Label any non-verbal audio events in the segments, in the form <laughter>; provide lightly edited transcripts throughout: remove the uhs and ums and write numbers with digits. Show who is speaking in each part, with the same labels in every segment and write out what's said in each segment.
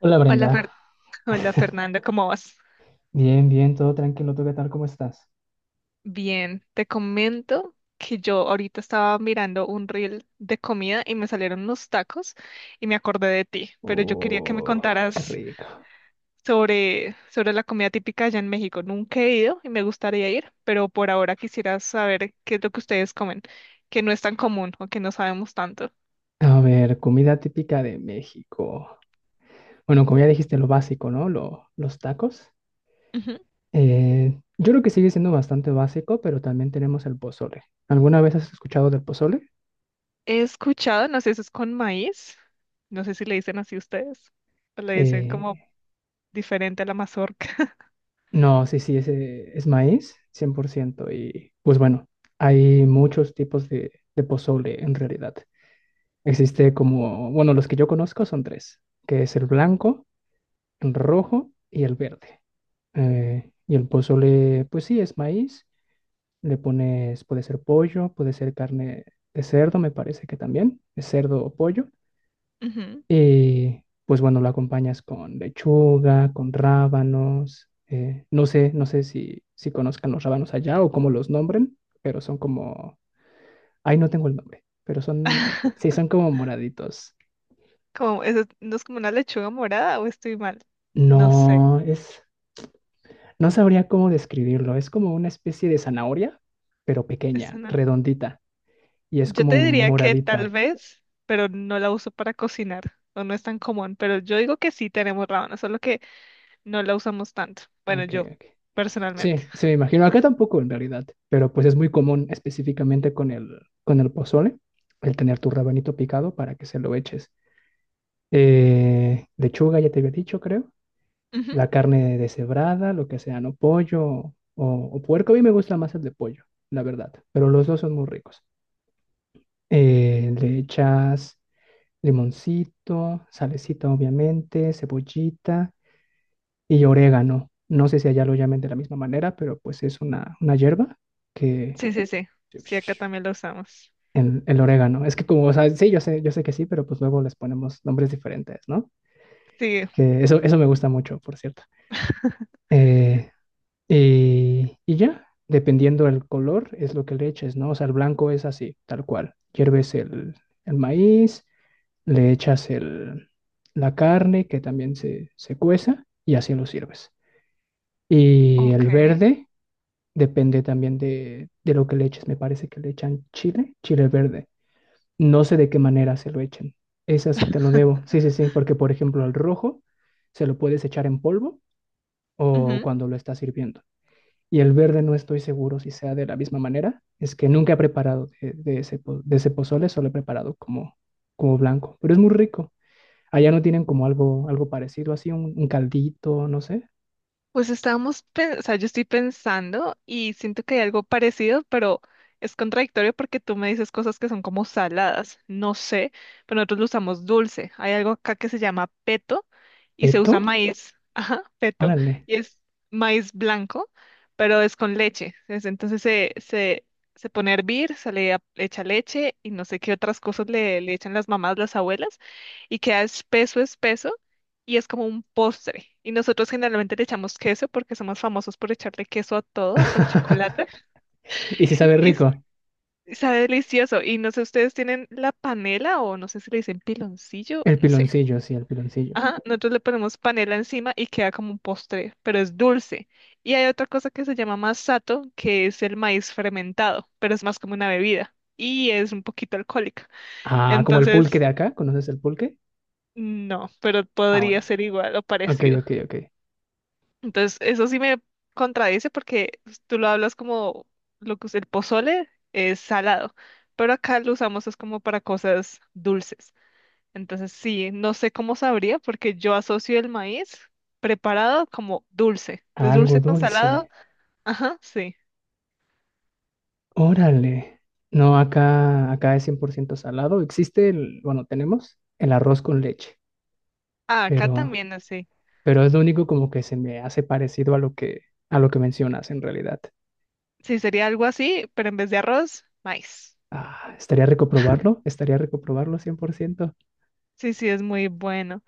Speaker 1: Hola,
Speaker 2: Hola,
Speaker 1: Brenda.
Speaker 2: <laughs> Hola Fernando, ¿cómo vas?
Speaker 1: Bien, bien, todo tranquilo. ¿Tú qué tal? ¿Cómo estás?
Speaker 2: Bien, te comento que yo ahorita estaba mirando un reel de comida y me salieron unos tacos y me acordé de ti, pero yo quería que me
Speaker 1: Oh, qué
Speaker 2: contaras
Speaker 1: rico.
Speaker 2: sobre la comida típica allá en México. Nunca he ido y me gustaría ir, pero por ahora quisiera saber qué es lo que ustedes comen, que no es tan común o que no sabemos tanto.
Speaker 1: A ver, comida típica de México. Bueno, como ya dijiste, lo básico, ¿no? Los tacos.
Speaker 2: Ujú.
Speaker 1: Yo creo que sigue siendo bastante básico, pero también tenemos el pozole. ¿Alguna vez has escuchado del pozole?
Speaker 2: He escuchado, no sé si es con maíz, no sé si le dicen así ustedes, o le dicen como
Speaker 1: Eh,
Speaker 2: diferente a la mazorca.
Speaker 1: no, sí, sí, ese es maíz, 100%. Y pues bueno, hay muchos tipos de pozole en realidad. Existe como, bueno, los que yo conozco son tres, que es el blanco, rojo y el verde. Y el pozole, pues sí, es maíz. Le pones, puede ser pollo, puede ser carne de cerdo, me parece que también, es cerdo o pollo.
Speaker 2: Ujú.
Speaker 1: Y pues bueno, lo acompañas con lechuga, con rábanos. No sé, no sé si conozcan los rábanos allá o cómo los nombren, pero son como, ay, no tengo el nombre, pero son, sí, son
Speaker 2: <laughs>
Speaker 1: como moraditos.
Speaker 2: Como, eso, ¿no es como una lechuga morada o estoy mal? No sé.
Speaker 1: No, es, no sabría cómo describirlo. Es como una especie de zanahoria, pero
Speaker 2: Es
Speaker 1: pequeña,
Speaker 2: una...
Speaker 1: redondita. Y es
Speaker 2: Yo te
Speaker 1: como
Speaker 2: diría que tal
Speaker 1: moradita.
Speaker 2: vez, pero no la uso para cocinar o no es tan común, pero yo digo que sí tenemos rábano, solo que no la usamos tanto. Bueno,
Speaker 1: Ok,
Speaker 2: yo,
Speaker 1: ok.
Speaker 2: personalmente.
Speaker 1: Sí, sí, me imagino. Acá tampoco en realidad. Pero pues es muy común específicamente con el pozole, el tener tu rabanito picado para que se lo eches. Lechuga, ya te había dicho, creo.
Speaker 2: Ujú.
Speaker 1: La carne deshebrada, lo que sea, ¿no? Pollo o puerco. A mí me gusta más el de pollo, la verdad. Pero los dos son muy ricos. Le echas limoncito, salecita obviamente, cebollita y orégano. No sé si allá lo llamen de la misma manera, pero pues es una hierba que...
Speaker 2: Sí, sí, sí. Sí, acá también la usamos.
Speaker 1: El orégano. Es que como, o sea, sí, yo sé que sí, pero pues luego les ponemos nombres diferentes, ¿no?
Speaker 2: Sí.
Speaker 1: Que eso me gusta mucho, por cierto. Eh, y ya, dependiendo del color, es lo que le eches, ¿no? O sea, el blanco es así, tal cual. Hierves el maíz, le echas el, la carne que también se cueza y así lo sirves. Y
Speaker 2: Ok.
Speaker 1: el verde depende también de lo que le eches. Me parece que le echan chile, chile verde. No sé de qué manera se lo echen. Esa sí te lo debo. Sí, sí, sí, porque por ejemplo el rojo se lo puedes echar en polvo o
Speaker 2: Ujú.
Speaker 1: cuando lo estás sirviendo. Y el verde no estoy seguro si sea de la misma manera. Es que nunca he preparado de ese pozole, solo he preparado como blanco. Pero es muy rico. Allá no tienen como algo parecido, así un caldito, no sé.
Speaker 2: Pues estábamos, o sea, yo estoy pensando y siento que hay algo parecido, pero es contradictorio porque tú me dices cosas que son como saladas, no sé, pero nosotros lo usamos dulce. Hay algo acá que se llama peto y se
Speaker 1: ¿Peto?
Speaker 2: usa maíz, <laughs> ajá, peto,
Speaker 1: Órale.
Speaker 2: y es maíz blanco, pero es con leche. Entonces se pone a hervir, se le le echa leche y no sé qué otras cosas le echan las mamás, las abuelas, y queda espeso, espeso. Y es como un postre. Y nosotros generalmente le echamos queso porque somos famosos por echarle queso a todo, hasta el chocolate.
Speaker 1: <laughs>
Speaker 2: <laughs>
Speaker 1: Y si sabe
Speaker 2: Y s-
Speaker 1: rico.
Speaker 2: y sabe delicioso. Y no sé, ustedes tienen la panela o no sé si le dicen piloncillo,
Speaker 1: El
Speaker 2: no sé.
Speaker 1: piloncillo, sí, el piloncillo.
Speaker 2: Ajá, nosotros le ponemos panela encima y queda como un postre, pero es dulce. Y hay otra cosa que se llama masato, que es el maíz fermentado, pero es más como una bebida y es un poquito alcohólica.
Speaker 1: Ah, como el pulque
Speaker 2: Entonces,
Speaker 1: de acá. ¿Conoces el pulque?
Speaker 2: no, pero
Speaker 1: Ah, bueno.
Speaker 2: podría ser igual o
Speaker 1: Ok,
Speaker 2: parecido.
Speaker 1: ok, ok.
Speaker 2: Entonces, eso sí me contradice porque pues, tú lo hablas como lo que es el pozole es salado, pero acá lo usamos es como para cosas dulces. Entonces, sí, no sé cómo sabría porque yo asocio el maíz preparado como dulce. Entonces,
Speaker 1: Algo
Speaker 2: dulce con salado,
Speaker 1: dulce.
Speaker 2: ajá, sí.
Speaker 1: Órale. No, acá es 100% salado. Existe el, bueno, tenemos el arroz con leche,
Speaker 2: Ah, acá
Speaker 1: pero,
Speaker 2: también así.
Speaker 1: pero es lo único como que se me hace parecido a lo que mencionas en realidad.
Speaker 2: Sí, sería algo así, pero en vez de arroz, maíz.
Speaker 1: Ah, estaría rico probarlo 100%.
Speaker 2: Sí, sí, es muy bueno.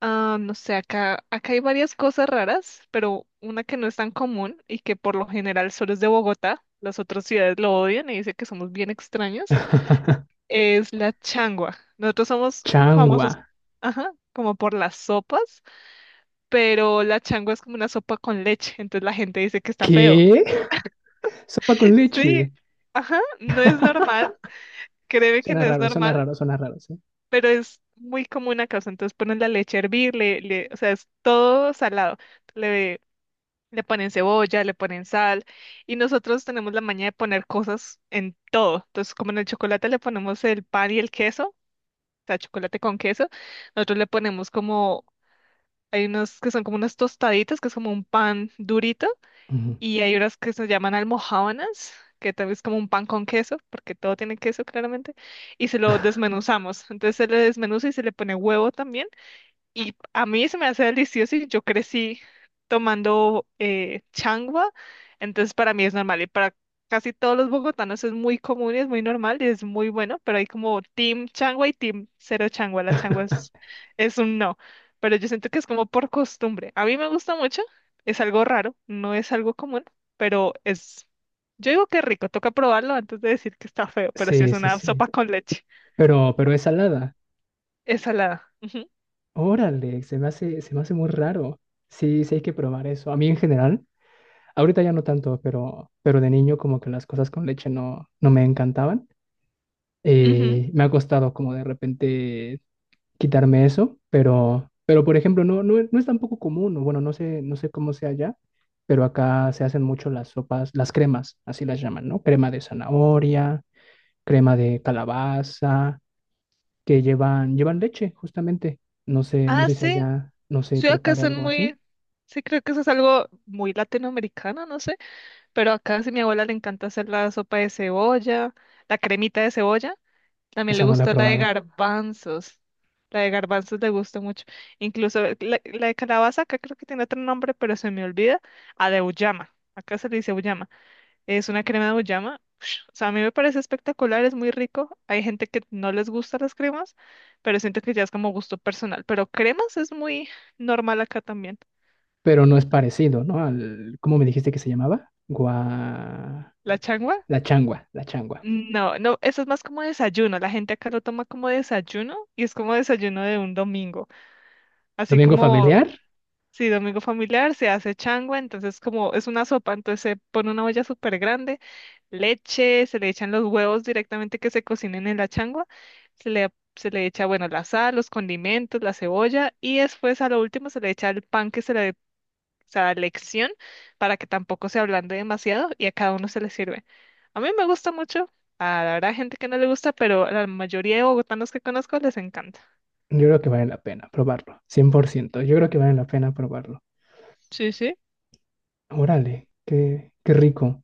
Speaker 2: Ah, no sé, acá hay varias cosas raras, pero una que no es tan común y que por lo general solo es de Bogotá, las otras ciudades lo odian y dicen que somos bien extraños,
Speaker 1: <laughs>
Speaker 2: es la changua. Nosotros somos
Speaker 1: Changua.
Speaker 2: famosos, ajá, como por las sopas, pero la changua es como una sopa con leche, entonces la gente dice que está feo.
Speaker 1: ¿Qué? Sopa con
Speaker 2: <laughs> Sí,
Speaker 1: leche.
Speaker 2: ajá, no es
Speaker 1: <laughs>
Speaker 2: normal, créeme que no
Speaker 1: Suena
Speaker 2: es
Speaker 1: raro, suena
Speaker 2: normal,
Speaker 1: raro, suena raro, sí.
Speaker 2: pero es muy común acá, o sea, entonces ponen la leche a hervir, o sea, es todo salado le Le ponen cebolla, le ponen sal y nosotros tenemos la maña de poner cosas en todo. Entonces, como en el chocolate le ponemos el pan y el queso, o sea, chocolate con queso, nosotros le ponemos como, hay unos que son como unas tostaditas, que es como un pan durito,
Speaker 1: Ujú.
Speaker 2: y hay unas que se llaman almojábanas, que también es como un pan con queso, porque todo tiene queso claramente, y se lo desmenuzamos. Entonces se le desmenuza y se le pone huevo también. Y a mí se me hace delicioso y yo crecí tomando changua, entonces para mí es normal y para casi todos los bogotanos es muy común y es muy normal y es muy bueno, pero hay como team changua y team cero changua, la changua
Speaker 1: <laughs>
Speaker 2: es un no, pero yo siento que es como por costumbre. A mí me gusta mucho, es algo raro, no es algo común, pero es, yo digo que es rico, toca probarlo antes de decir que está feo, pero sí es
Speaker 1: Sí, sí,
Speaker 2: una
Speaker 1: sí.
Speaker 2: sopa con leche,
Speaker 1: Pero es salada.
Speaker 2: es salada. Ujú,
Speaker 1: Órale, se me hace muy raro. Sí, sí hay que probar eso. A mí en general, ahorita ya no tanto, pero de niño como que las cosas con leche no, no me encantaban.
Speaker 2: ujú.
Speaker 1: Me ha costado como de repente quitarme eso, pero por ejemplo, no, no, no es tampoco común, o bueno, no sé, no sé cómo sea allá, pero acá se hacen mucho las sopas, las cremas, así las llaman, ¿no? Crema de zanahoria, crema de calabaza, que llevan leche, justamente. No sé, no
Speaker 2: Ah,
Speaker 1: sé si
Speaker 2: sí,
Speaker 1: allá no se
Speaker 2: sí, acá
Speaker 1: prepara
Speaker 2: son
Speaker 1: algo
Speaker 2: muy,
Speaker 1: así.
Speaker 2: sí creo que eso es algo muy latinoamericano, no sé, pero acá sí mi abuela le encanta hacer la sopa de cebolla, la cremita de cebolla, también le
Speaker 1: Esa no la he
Speaker 2: gusta
Speaker 1: probado.
Speaker 2: la de garbanzos le gusta mucho, incluso la de calabaza acá creo que tiene otro nombre, pero se me olvida, a de acá se le dice uyama. Es una crema de uyama. <sniffs> O sea, a mí me parece espectacular, es muy rico. Hay gente que no les gustan las cremas, pero siento que ya es como gusto personal. Pero cremas es muy normal acá también.
Speaker 1: Pero no es parecido, ¿no? Al, ¿cómo me dijiste que se llamaba? Gua...
Speaker 2: ¿La changua?
Speaker 1: La changua, la changua.
Speaker 2: No, no, eso es más como desayuno. La gente acá lo toma como desayuno y es como desayuno de un domingo. Así
Speaker 1: ¿Domingo
Speaker 2: como
Speaker 1: familiar?
Speaker 2: sí, domingo familiar, se hace changua, entonces como es una sopa, entonces se pone una olla súper grande, leche, se le echan los huevos directamente que se cocinen en la changua, se le, se le echa, bueno, la sal, los condimentos, la cebolla y después a lo último se le echa el pan que se le se da lección para que tampoco se ablande demasiado y a cada uno se le sirve. A mí me gusta mucho, a la verdad hay gente que no le gusta, pero a la mayoría de bogotanos que conozco les encanta.
Speaker 1: Yo creo que vale la pena probarlo, 100%. Yo creo que vale la pena probarlo.
Speaker 2: Sí, sí.
Speaker 1: Órale, qué rico.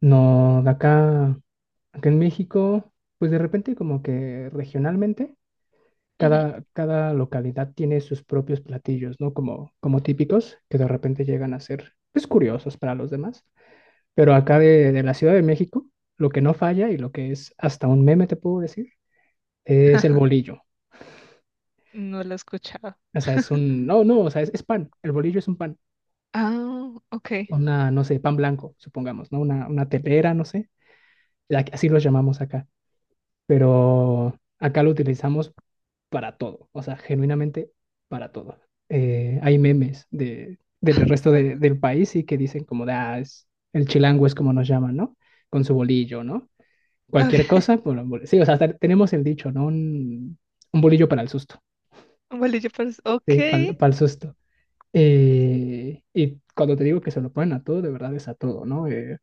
Speaker 1: No, de acá en México, pues de repente como que regionalmente,
Speaker 2: Ujú.
Speaker 1: cada localidad tiene sus propios platillos, ¿no? Como típicos que de repente llegan a ser, pues curiosos para los demás. Pero acá de la Ciudad de México, lo que no falla y lo que es hasta un meme, te puedo decir, es el bolillo.
Speaker 2: No lo he escuchado.
Speaker 1: O sea, es
Speaker 2: <laughs>
Speaker 1: un, no, no, o sea, es pan. El bolillo es un pan,
Speaker 2: Ah, ok. Ok.
Speaker 1: una, no sé, pan blanco, supongamos, ¿no? Una telera, no sé. Así los llamamos acá. Pero acá lo utilizamos para todo, o sea, genuinamente para todo. Hay memes del resto del país y que dicen como, de, ah, es, el chilango es como nos llaman, ¿no? Con su bolillo, ¿no? Cualquier cosa,
Speaker 2: <laughs>
Speaker 1: bueno, sí, o sea, tenemos el dicho, ¿no? Un bolillo para el susto,
Speaker 2: Bolillo,
Speaker 1: sí,
Speaker 2: okay. Ok.
Speaker 1: para, el susto. Y cuando te digo que se lo ponen a todo, de verdad es a todo, ¿no?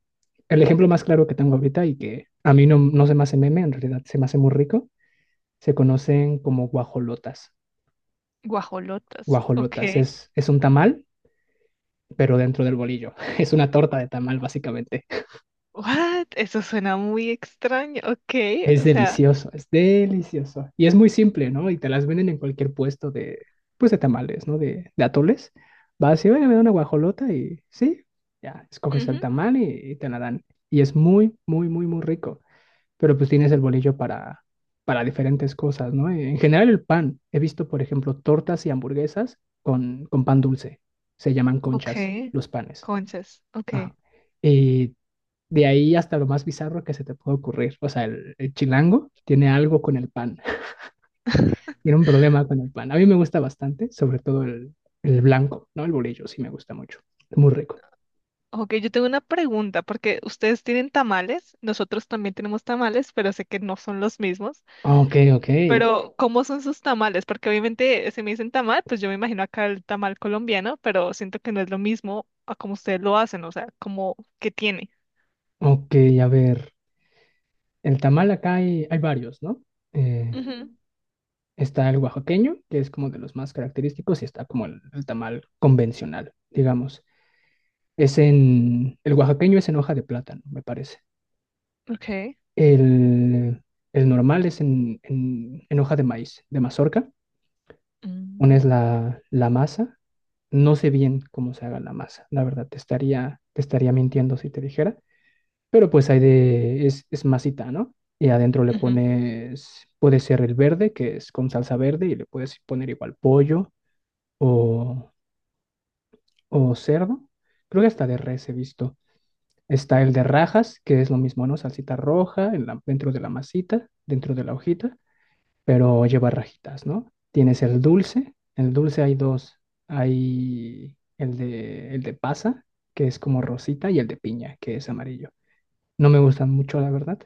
Speaker 1: El ejemplo más claro que tengo ahorita y que a mí no, no se me hace meme, en realidad se me hace muy rico, se conocen como guajolotas.
Speaker 2: Guajolotas.
Speaker 1: Guajolotas
Speaker 2: Ok.
Speaker 1: es un tamal, pero dentro del bolillo. <laughs> Es una torta de tamal, básicamente.
Speaker 2: What? Eso suena muy extraño. Ok.
Speaker 1: Es
Speaker 2: O sea.
Speaker 1: delicioso, es delicioso. Y es muy simple, ¿no? Y te las venden en cualquier puesto pues de tamales, ¿no? De atoles. Vas y, oye, me da una guajolota y sí, ya, escoges el
Speaker 2: Ujú.
Speaker 1: tamal y te la dan. Y es muy, muy, muy, muy rico. Pero pues tienes el bolillo para diferentes cosas, ¿no? En general el pan. He visto, por ejemplo, tortas y hamburguesas con pan dulce. Se llaman conchas
Speaker 2: Ok.
Speaker 1: los panes.
Speaker 2: Conchas. Ok.
Speaker 1: Ajá. Y de ahí hasta lo más bizarro que se te puede ocurrir. O sea, el chilango tiene algo con el pan, <laughs> tiene un problema con el pan. A mí me gusta bastante, sobre todo el blanco, ¿no? El bolillo sí me gusta mucho, muy rico.
Speaker 2: Ok, yo tengo una pregunta, porque ustedes tienen tamales, nosotros también tenemos tamales, pero sé que no son los mismos.
Speaker 1: Ok, ok,
Speaker 2: Pero, ¿cómo son sus tamales? Porque obviamente, si me dicen tamal, pues yo me imagino acá el tamal colombiano, pero siento que no es lo mismo a como ustedes lo hacen, o sea, como que tiene.
Speaker 1: ok, a ver, el tamal acá hay varios, ¿no? Eh,
Speaker 2: Ujú.
Speaker 1: Está el oaxaqueño, que es como de los más característicos, y está como el tamal convencional, digamos. El oaxaqueño es en hoja de plátano, me parece.
Speaker 2: Ok.
Speaker 1: El, el normal es en hoja de maíz, de mazorca. Pones
Speaker 2: Mm,
Speaker 1: la masa. No sé bien cómo se haga la masa, la verdad, te estaría mintiendo si te dijera. Pero pues hay es masita, ¿no? Y adentro le
Speaker 2: ujú,
Speaker 1: pones, puede ser el verde, que es con salsa verde, y le puedes poner igual pollo o, o cerdo. Creo que hasta de res he visto. Está el de rajas, que es lo mismo, ¿no? Salsita roja dentro de la masita, dentro de la hojita. Pero lleva rajitas, ¿no? Tienes el dulce hay dos, hay el de pasa, que es como rosita, y el de piña, que es amarillo. No me gustan mucho, la verdad.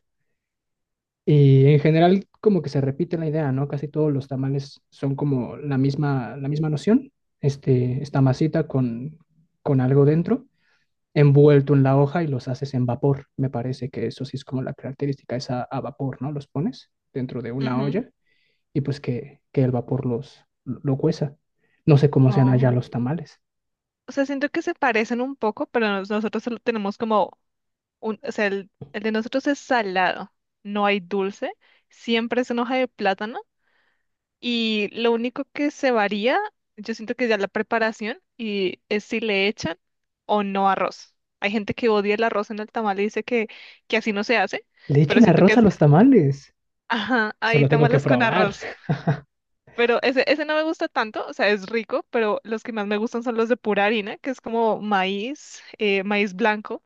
Speaker 1: Y en general como que se repite la idea, ¿no? Casi todos los tamales son como la misma noción, este, esta masita con algo dentro, envuelto en la hoja y los haces en vapor. Me parece que eso sí es como la característica, es a vapor, ¿no? Los pones dentro de una
Speaker 2: ujú.
Speaker 1: olla y pues que el vapor los lo cueza. No sé cómo sean allá
Speaker 2: Oh.
Speaker 1: los tamales.
Speaker 2: O sea, siento que se parecen un poco, pero nosotros solo tenemos como un, o sea, el de nosotros es salado, no hay dulce, siempre es en hoja de plátano y lo único que se varía, yo siento que ya la preparación y es si le echan o no arroz. Hay gente que odia el arroz en el tamal y dice que así no se hace,
Speaker 1: Le
Speaker 2: pero
Speaker 1: echan
Speaker 2: siento que
Speaker 1: arroz a
Speaker 2: es,
Speaker 1: los tamales.
Speaker 2: ajá,
Speaker 1: Eso
Speaker 2: hay
Speaker 1: lo tengo que
Speaker 2: tamales con <laughs>
Speaker 1: probar.
Speaker 2: arroz.
Speaker 1: <laughs>
Speaker 2: Pero ese no me gusta tanto, o sea, es rico, pero los que más me gustan son los de pura harina, que es como maíz, maíz blanco,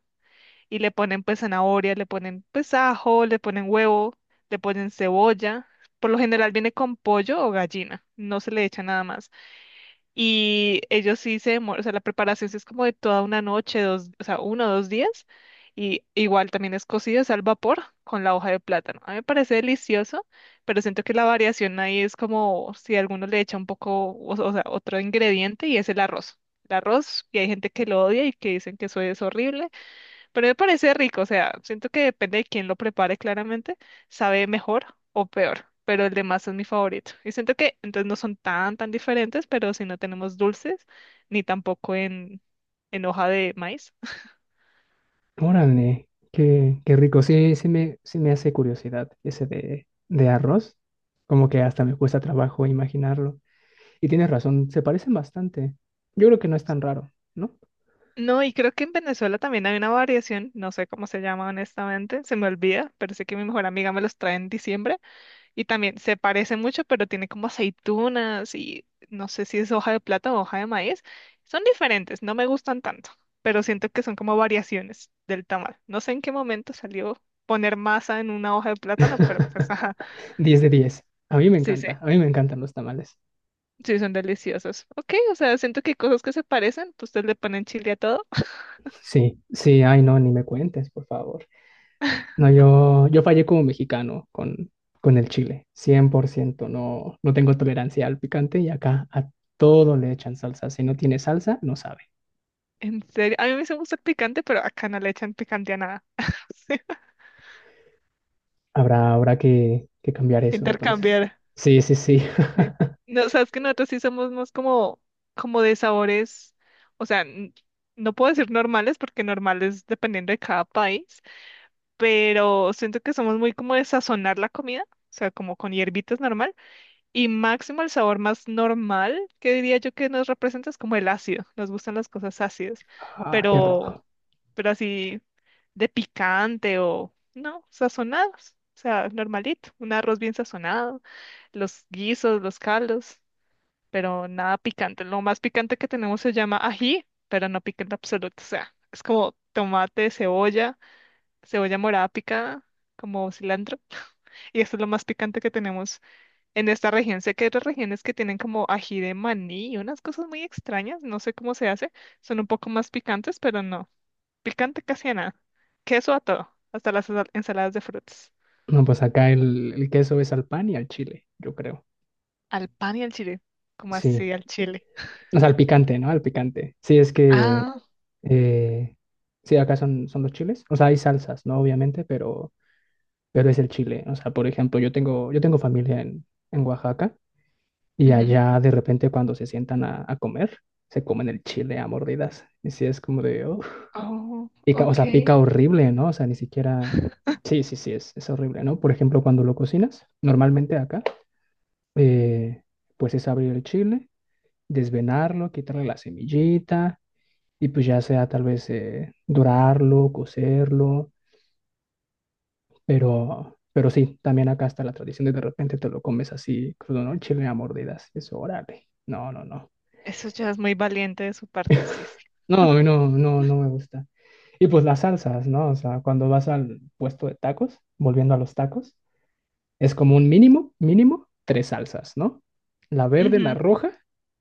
Speaker 2: y le ponen pues zanahoria, le ponen pues ajo, le ponen huevo, le ponen cebolla. Por lo general viene con pollo o gallina, no se le echa nada más. Y ellos sí se demoran, o sea, la preparación sí es como de toda una noche, dos, o sea, uno o dos días. Y igual también es cocido, es al vapor con la hoja de plátano. A mí me parece delicioso, pero siento que la variación ahí es como si alguno le echa un poco, o sea, otro ingrediente y es el arroz. El arroz, y hay gente que lo odia y que dicen que eso es horrible. Pero me parece rico, o sea, siento que depende de quién lo prepare claramente, sabe mejor o peor, pero el de masa es mi favorito. Y siento que entonces no son tan, tan diferentes, pero si no tenemos dulces, ni tampoco en hoja de maíz. <laughs>
Speaker 1: Órale, qué rico. Sí, sí me hace curiosidad ese de arroz. Como que hasta me cuesta trabajo imaginarlo. Y tienes razón, se parecen bastante. Yo creo que no es tan raro, ¿no?
Speaker 2: No, y creo que en Venezuela también hay una variación, no sé cómo se llama honestamente, se me olvida, pero sé que mi mejor amiga me los trae en diciembre. Y también se parece mucho, pero tiene como aceitunas y no sé si es hoja de plátano o hoja de maíz. Son diferentes, no me gustan tanto, pero siento que son como variaciones del tamal. No sé en qué momento salió poner masa en una hoja de plátano, pero pues
Speaker 1: <laughs>
Speaker 2: ajá,
Speaker 1: 10/10. A mí me
Speaker 2: sí, sí,
Speaker 1: encanta, a mí me encantan los tamales.
Speaker 2: sí, son deliciosos. Ok, o sea, siento que hay cosas que se parecen, pues ustedes le ponen chile a todo. <laughs>
Speaker 1: Sí, sí, ay no, ni me cuentes, por favor. No, yo fallé como mexicano con el chile, 100%. No, no tengo tolerancia al picante y acá a todo le echan salsa. Si no tiene salsa, no sabe.
Speaker 2: En serio, a mí me gusta el picante, pero acá no le echan picante a nada. <laughs> Sí,
Speaker 1: Habrá que cambiar eso entonces.
Speaker 2: intercambiar.
Speaker 1: Sí, sí, sí.
Speaker 2: Sí.
Speaker 1: <laughs>
Speaker 2: No, sabes que nosotros sí somos más como, como de sabores, o sea, no puedo decir normales porque normales dependiendo de cada país, pero siento que somos muy como de sazonar la comida, o sea, como con hierbitas normal, y máximo el sabor más normal que diría yo que nos representa es como el ácido, nos gustan las cosas ácidas,
Speaker 1: Ah, qué
Speaker 2: pero,
Speaker 1: rico.
Speaker 2: pero así de picante o, no, sazonados, o sea, normalito, un arroz bien sazonado, los guisos, los caldos pero nada picante. Lo más picante que tenemos se llama ají, pero no picante absoluto. O sea, es como tomate, cebolla, cebolla morada picada, como cilantro. <laughs> Y eso es lo más picante que tenemos en esta región. Sé que hay otras regiones que tienen como ají de maní y unas cosas muy extrañas, no sé cómo se hace. Son un poco más picantes, pero no. Picante casi a nada. Queso a todo, hasta las ensaladas de frutas.
Speaker 1: No, pues acá el queso es al pan y al chile, yo creo.
Speaker 2: Al pan y al chile. ¿Como
Speaker 1: Sí.
Speaker 2: así al chile?
Speaker 1: O sea, al picante, ¿no? Al picante. Sí, es que...
Speaker 2: Ah,
Speaker 1: eh, sí, acá son los chiles. O sea, hay salsas, ¿no? Obviamente, pero es el chile. O sea, por ejemplo, yo tengo familia en Oaxaca y
Speaker 2: ujú.
Speaker 1: allá de repente cuando se sientan a comer, se comen el chile a mordidas. Y sí es como de, "Uf".
Speaker 2: Oh,
Speaker 1: Pica, o sea,
Speaker 2: ok.
Speaker 1: pica horrible, ¿no? O sea, ni siquiera... Sí, sí, sí, es horrible, ¿no? Por ejemplo, cuando lo cocinas, normalmente acá, eh, pues es abrir el chile, desvenarlo, quitarle la semillita y pues ya sea tal vez dorarlo, cocerlo. Pero sí, también acá está la tradición de repente te lo comes así, crudo, ¿no? El chile a mordidas. Eso, órale. No, no, no.
Speaker 2: Eso ya es muy valiente de su parte, sí, sí.
Speaker 1: No, a mí no, no, no me gusta. Y pues las salsas, ¿no? O sea, cuando vas al puesto de tacos, volviendo a los tacos, es como un mínimo, mínimo, tres salsas, ¿no? La verde, la
Speaker 2: Ujú.
Speaker 1: roja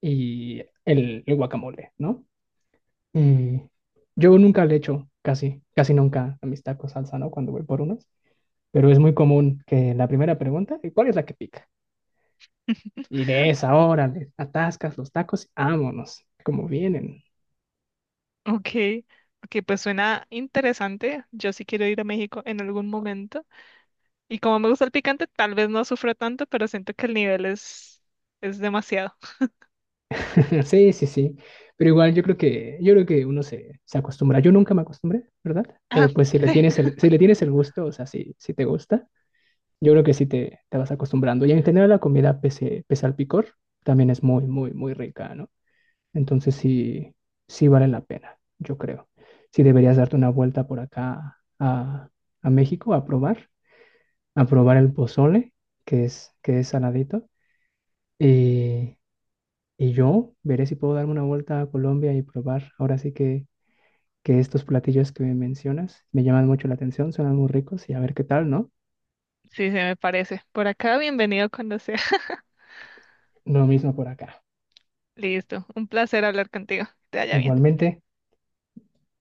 Speaker 1: y el guacamole, ¿no? Y yo nunca le echo, casi, casi nunca a mis tacos salsa, ¿no? Cuando voy por unos. Pero es muy común que la primera pregunta, ¿y cuál es la que pica? Y de
Speaker 2: <laughs>
Speaker 1: esa hora le atascas los tacos, vámonos, como vienen.
Speaker 2: Ok, ok, pues suena interesante. Yo sí quiero ir a México en algún momento. Y como me gusta el picante, tal vez no sufro tanto, pero siento que el nivel es demasiado.
Speaker 1: <laughs> Sí, sí, sí. Pero igual yo creo que uno se acostumbra. Yo nunca me acostumbré, ¿verdad?
Speaker 2: Ah,
Speaker 1: Pero pues si le
Speaker 2: sí,
Speaker 1: tienes el, si le tienes el gusto, o sea, si te gusta, yo creo que sí te vas acostumbrando. Y en general la comida, pese al picor, también es muy, muy, muy rica, ¿no? Entonces sí, sí vale la pena, yo creo. Sí deberías darte una vuelta por acá a México a probar el pozole, que es saladito. Y, y yo veré si puedo darme una vuelta a Colombia y probar. Ahora sí que estos platillos que me mencionas me llaman mucho la atención, suenan muy ricos y a ver qué tal, ¿no?
Speaker 2: <laughs> sí, se me parece. Por acá, bienvenido cuando sea. <laughs>
Speaker 1: Lo mismo por acá.
Speaker 2: Listo, un placer hablar contigo. Que te vaya bien.
Speaker 1: Igualmente.